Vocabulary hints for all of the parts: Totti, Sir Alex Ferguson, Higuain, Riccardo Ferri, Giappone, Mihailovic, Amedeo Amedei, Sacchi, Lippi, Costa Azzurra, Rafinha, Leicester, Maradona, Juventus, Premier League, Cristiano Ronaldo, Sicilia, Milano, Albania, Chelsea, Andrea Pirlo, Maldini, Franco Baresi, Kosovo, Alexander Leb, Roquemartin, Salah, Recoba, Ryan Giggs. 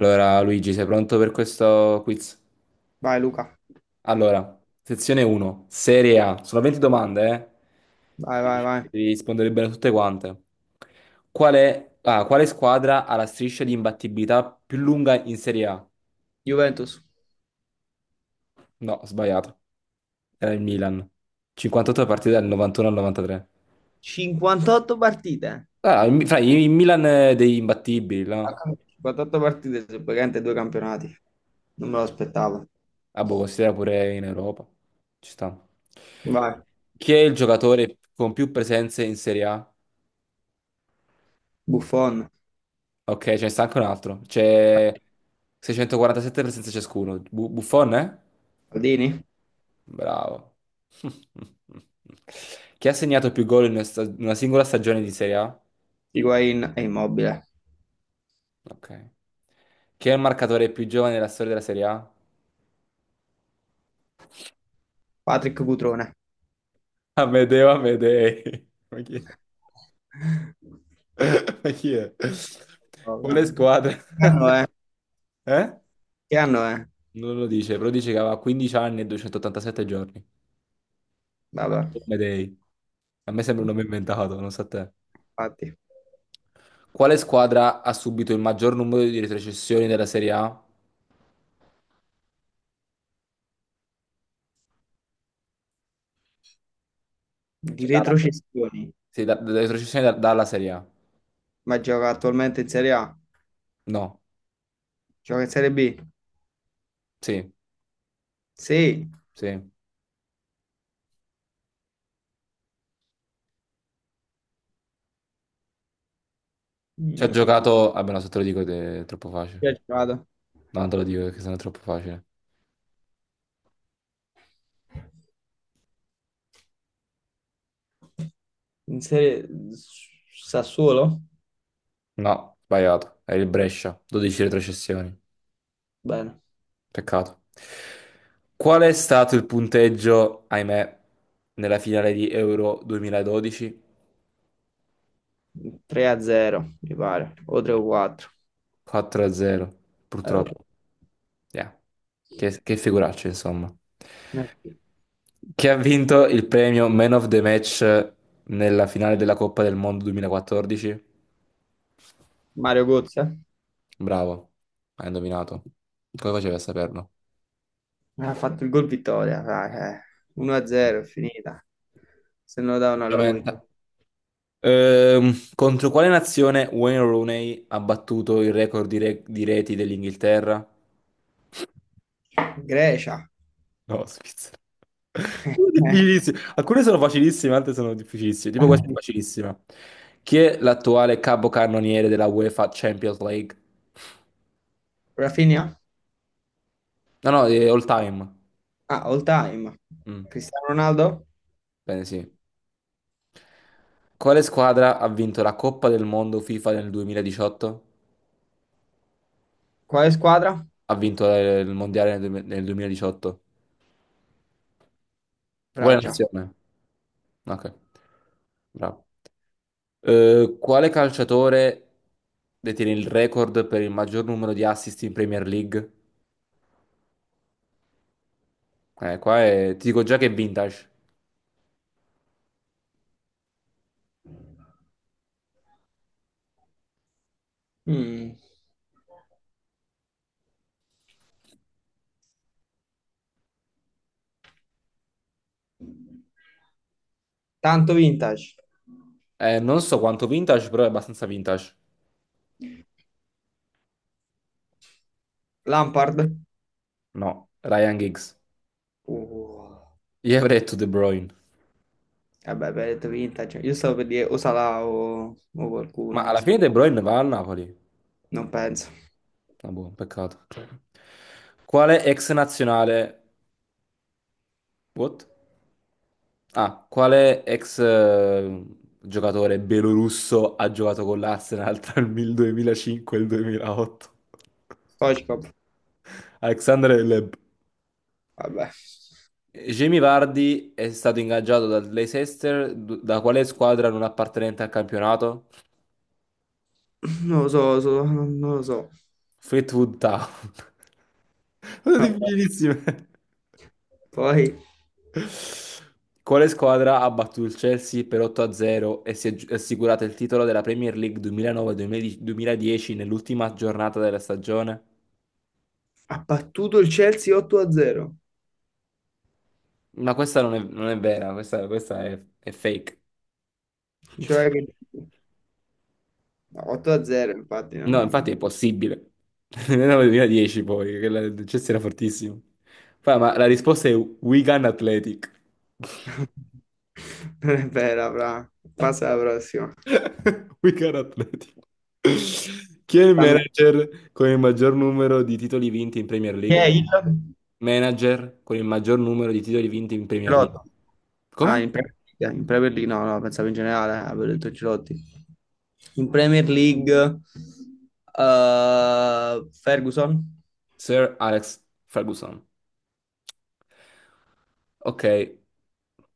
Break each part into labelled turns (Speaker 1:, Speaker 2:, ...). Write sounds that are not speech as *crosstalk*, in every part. Speaker 1: Allora, Luigi, sei pronto per questo quiz?
Speaker 2: Vai Luca,
Speaker 1: Allora, sezione 1, Serie A. Sono 20 domande, eh?
Speaker 2: vai, vai,
Speaker 1: Devi
Speaker 2: vai.
Speaker 1: devi rispondere bene a tutte quante. Quale squadra ha la striscia di imbattibilità più lunga in Serie A?
Speaker 2: Juventus,
Speaker 1: No, ho sbagliato. Era il Milan. 58 partite dal 91 al 93.
Speaker 2: 58 partite.
Speaker 1: Ah, il, Mi- fra, il Milan è degli imbattibili, no?
Speaker 2: 58 partite su praticamente due campionati, non me lo aspettavo.
Speaker 1: Ah, boh, considera pure in Europa. Ci sta.
Speaker 2: Vai,
Speaker 1: Chi è il giocatore con più presenze in Serie A?
Speaker 2: Buffon,
Speaker 1: Ok, ce ne sta anche un altro. C'è 647 presenze ciascuno. Buffon, eh?
Speaker 2: Maldini,
Speaker 1: Bravo. *laughs* Chi ha segnato più gol in una singola stagione di Serie A?
Speaker 2: Higuain e Immobile.
Speaker 1: Ok. Chi è il marcatore più giovane della storia della Serie A?
Speaker 2: Patrick Cutrone.
Speaker 1: Amedeo Amedei. *laughs* Ma chi è? *laughs* Ma chi è?
Speaker 2: Vabbè.
Speaker 1: Quale squadra?
Speaker 2: Che anno è?
Speaker 1: *laughs* Eh?
Speaker 2: Che anno è?
Speaker 1: Non lo dice, però dice che aveva 15 anni e 287 giorni. Ah,
Speaker 2: Vabbè,
Speaker 1: Amedei. A me sembra un nome inventato, non so a te.
Speaker 2: infatti.
Speaker 1: Quale squadra ha subito il maggior numero di retrocessioni della Serie A?
Speaker 2: Di
Speaker 1: Cioè, dalla Serie A.
Speaker 2: retrocessioni,
Speaker 1: Sì, retrocessioni dalla Serie A.
Speaker 2: ma gioca attualmente in Serie A?
Speaker 1: No,
Speaker 2: Gioca in Serie B?
Speaker 1: sì,
Speaker 2: Sì.
Speaker 1: sì. Ci ha
Speaker 2: Mm,
Speaker 1: giocato... Vabbè, no, se te lo dico è troppo facile.
Speaker 2: Chi ha giocato?
Speaker 1: No, non te lo dico perché sennò è troppo facile.
Speaker 2: In Serie Sassuolo?
Speaker 1: No, sbagliato. Era il Brescia. 12 retrocessioni.
Speaker 2: Bene.
Speaker 1: Peccato. Qual è stato il punteggio, ahimè, nella finale di Euro 2012?
Speaker 2: 3-0, mi pare, o 3 o 4.
Speaker 1: 4-0,
Speaker 2: Eh,
Speaker 1: purtroppo. Yeah. Che figuraccia, insomma. Chi ha vinto il premio Man of the Match nella finale della Coppa del Mondo 2014?
Speaker 2: Mario Gozza
Speaker 1: Bravo, hai indovinato. Come facevi a saperlo?
Speaker 2: ha fatto il gol vittoria, dai, eh. 1-0, è finita. Se non lo davano a lui.
Speaker 1: Veramente. Contro quale nazione Wayne Rooney ha battuto il record di reti dell'Inghilterra?
Speaker 2: Grecia.
Speaker 1: No, Svizzera. *laughs*
Speaker 2: *laughs*
Speaker 1: Difficilissimo. Alcune sono facilissime, altre sono difficilissime. Tipo questa è
Speaker 2: Eh.
Speaker 1: facilissima. Chi è l'attuale capocannoniere della UEFA Champions League?
Speaker 2: Rafinha?
Speaker 1: No, no, è all time.
Speaker 2: Ah, all time.
Speaker 1: Mm,
Speaker 2: Cristiano Ronaldo?
Speaker 1: bene, sì. Quale squadra ha vinto la Coppa del Mondo FIFA nel 2018?
Speaker 2: Quale squadra?
Speaker 1: Ha vinto il Mondiale nel 2018. Quale
Speaker 2: Francia.
Speaker 1: nazione? Ok, bravo. Quale calciatore detiene il record per il maggior numero di assist in Premier League? Qua è... ti dico già che è vintage.
Speaker 2: Mm, Tanto vintage.
Speaker 1: Non so quanto vintage, però è abbastanza vintage.
Speaker 2: Lampard?
Speaker 1: No, Ryan Giggs.
Speaker 2: Uh,
Speaker 1: Io avrei detto De Bruyne.
Speaker 2: vabbè, abbiamo detto vintage. Io stavo per dire o Salah o
Speaker 1: Ma
Speaker 2: qualcuno, non
Speaker 1: alla
Speaker 2: so.
Speaker 1: fine De Bruyne va al Napoli.
Speaker 2: Non penso.
Speaker 1: Ah, boh, peccato. Quale ex nazionale... What? Ah, quale ex giocatore belorusso ha giocato con l'Arsenal tra il 2005 e il 2008?
Speaker 2: Stoichkov?
Speaker 1: *laughs* Alexander Leb.
Speaker 2: Vabbè.
Speaker 1: Jamie Vardy è stato ingaggiato dal Leicester, da quale squadra non appartenente al campionato?
Speaker 2: Non lo so, non lo so.
Speaker 1: Fleetwood Town. *laughs* Sono
Speaker 2: Vabbè.
Speaker 1: difficilissime.
Speaker 2: Poi
Speaker 1: Quale squadra ha battuto il Chelsea per 8-0 e si è assicurata il titolo della Premier League 2009-2010 nell'ultima giornata della stagione?
Speaker 2: ha battuto il Chelsea 8-0,
Speaker 1: Ma questa non è vera, questa è fake. *laughs*
Speaker 2: cioè che. No, 8-0 infatti
Speaker 1: No,
Speaker 2: non.
Speaker 1: infatti è impossibile. *laughs* Nel 2010 poi, il Chelsea era fortissimo. Poi, ma la risposta è Wigan Athletic.
Speaker 2: *laughs* Non è vera, fra. Passa alla prossima.
Speaker 1: *laughs* Wigan Athletic. Chi è il
Speaker 2: Stanno-
Speaker 1: manager con il maggior numero di titoli vinti in Premier
Speaker 2: Chi è
Speaker 1: League?
Speaker 2: il
Speaker 1: Manager con il maggior numero di titoli vinti in Premier League.
Speaker 2: Girotta? Ah,
Speaker 1: Come?
Speaker 2: in Premier League no, no, pensavo in generale, avevo detto Girotti. In Premier League Ferguson
Speaker 1: Sir Alex Ferguson. Ok,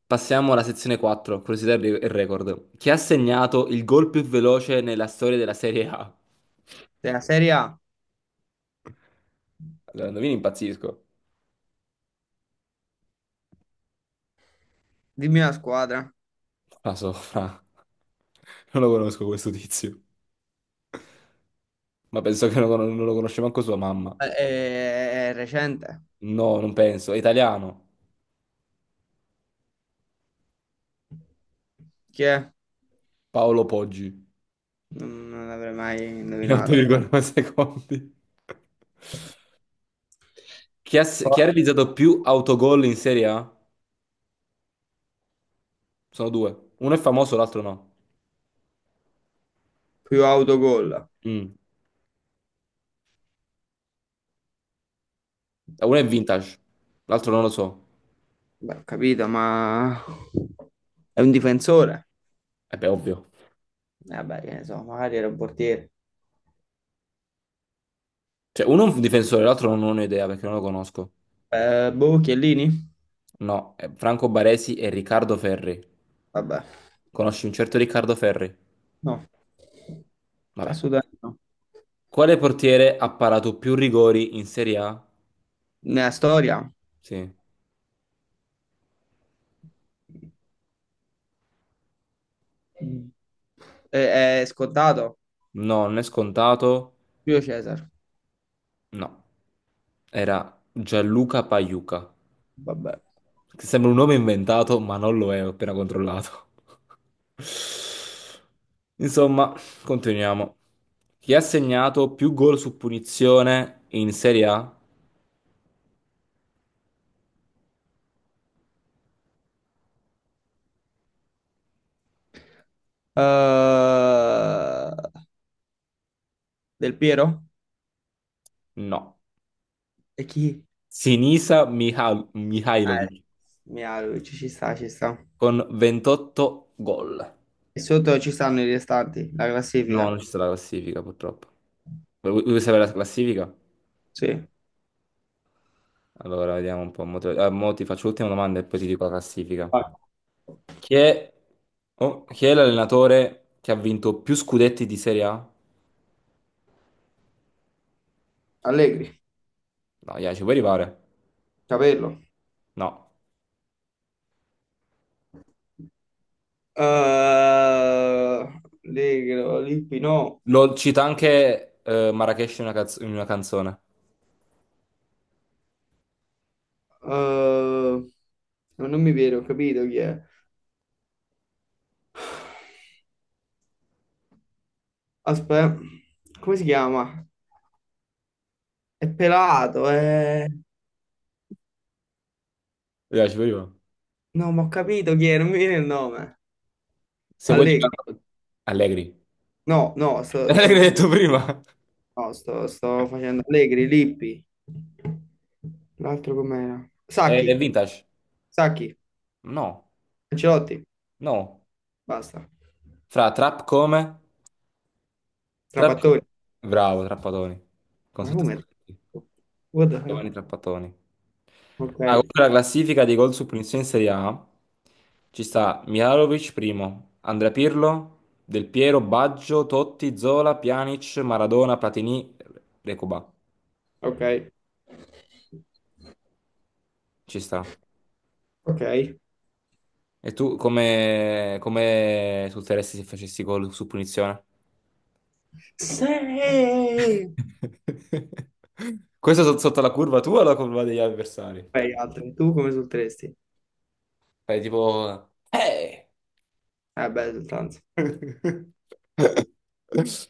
Speaker 1: passiamo alla sezione 4, curiosità e record. Chi ha segnato il gol più veloce nella storia della Serie A?
Speaker 2: della Serie A,
Speaker 1: Allora, indovini, impazzisco.
Speaker 2: dimmi la squadra.
Speaker 1: La so, fra. Non lo conosco questo tizio. Ma penso che non, non lo conosce manco sua mamma.
Speaker 2: È recente.
Speaker 1: No, non penso. È italiano.
Speaker 2: Chi è?
Speaker 1: Paolo Poggi.
Speaker 2: Non l'avrei mai
Speaker 1: In
Speaker 2: indovinato.
Speaker 1: 8,9 secondi. Chi ha, s- chi
Speaker 2: Poi-
Speaker 1: ha realizzato più autogol in Serie A? Sono due. Uno è famoso, l'altro no.
Speaker 2: Più autogol.
Speaker 1: Mm. Uno è vintage, l'altro non lo so.
Speaker 2: Beh, ho capito, ma è un difensore.
Speaker 1: E beh, ovvio.
Speaker 2: Vabbè, che ne so, magari era un portiere.
Speaker 1: Cioè, uno è un difensore, l'altro non ho idea perché non lo conosco.
Speaker 2: Boh, Chiellini?
Speaker 1: No, è Franco Baresi e Riccardo Ferri.
Speaker 2: Vabbè,
Speaker 1: Conosci un certo Riccardo Ferri?
Speaker 2: no,
Speaker 1: Vabbè.
Speaker 2: assolutamente no.
Speaker 1: Quale portiere ha parato più rigori in Serie A?
Speaker 2: Nella storia.
Speaker 1: Sì.
Speaker 2: Mm. È scontato.
Speaker 1: No, non è scontato.
Speaker 2: Più Cesar.
Speaker 1: No. Era Gianluca Pagliuca.
Speaker 2: Vabbè.
Speaker 1: Che sembra un nome inventato, ma non lo è, ho appena controllato. *laughs* Insomma, continuiamo. Chi ha segnato più gol su punizione in Serie A?
Speaker 2: Eh, Del Piero?
Speaker 1: No.
Speaker 2: E chi? Eh,
Speaker 1: Mihailovic
Speaker 2: Mihailovic, ci sta, ci sta.
Speaker 1: con 28 gol.
Speaker 2: E sotto ci stanno i restanti, la
Speaker 1: No,
Speaker 2: classifica.
Speaker 1: non ci sta la classifica purtroppo. Vuoi sapere la classifica?
Speaker 2: Sì.
Speaker 1: Allora, vediamo un po'. Mo ti faccio l'ultima domanda e poi ti dico la classifica.
Speaker 2: Vai.
Speaker 1: Chi è, oh, chi è l'allenatore che ha vinto più scudetti di Serie A?
Speaker 2: Allegri,
Speaker 1: No, yeah, ci puoi arrivare?
Speaker 2: Capello.
Speaker 1: No.
Speaker 2: Allegro, Lippi, no.
Speaker 1: Lo cita anche Marrakesh in una canzone.
Speaker 2: Eh, non mi viene, ho capito chi è. Aspetta, come si chiama? È pelato, è.
Speaker 1: Yeah, ci puoi arrivare.
Speaker 2: No, ma ho capito chi è, non mi viene il nome.
Speaker 1: Se vuoi
Speaker 2: Allegri.
Speaker 1: dire... Allegri.
Speaker 2: No, no,
Speaker 1: *laughs* Allegri hai detto prima.
Speaker 2: no, sto facendo Allegri, Lippi. L'altro com'era?
Speaker 1: È vintage?
Speaker 2: Sacchi,
Speaker 1: No.
Speaker 2: Ancelotti,
Speaker 1: No,
Speaker 2: basta.
Speaker 1: fra, trap come? Trap co-
Speaker 2: Trapattoni.
Speaker 1: Bravo, Trappatoni.
Speaker 2: Ma
Speaker 1: Concetto
Speaker 2: come?
Speaker 1: sportivo.
Speaker 2: What the
Speaker 1: Giovanni
Speaker 2: hell?
Speaker 1: Trappatoni.
Speaker 2: Ok,
Speaker 1: Ah, contro la classifica dei gol su punizione in Serie A ci sta Mihajlovic primo, Andrea Pirlo, Del Piero, Baggio, Totti, Zola, Pjanic, Maradona, Platini, Recoba.
Speaker 2: ok,
Speaker 1: Ci sta.
Speaker 2: ok.
Speaker 1: E tu come salteresti se facessi gol su punizione?
Speaker 2: Sì!
Speaker 1: *laughs* Questo sotto la curva tua o la curva degli avversari?
Speaker 2: Vai, altri. Tu come solteresti?
Speaker 1: Fai tipo, eh!
Speaker 2: Beh, esultanza.
Speaker 1: *laughs* *laughs*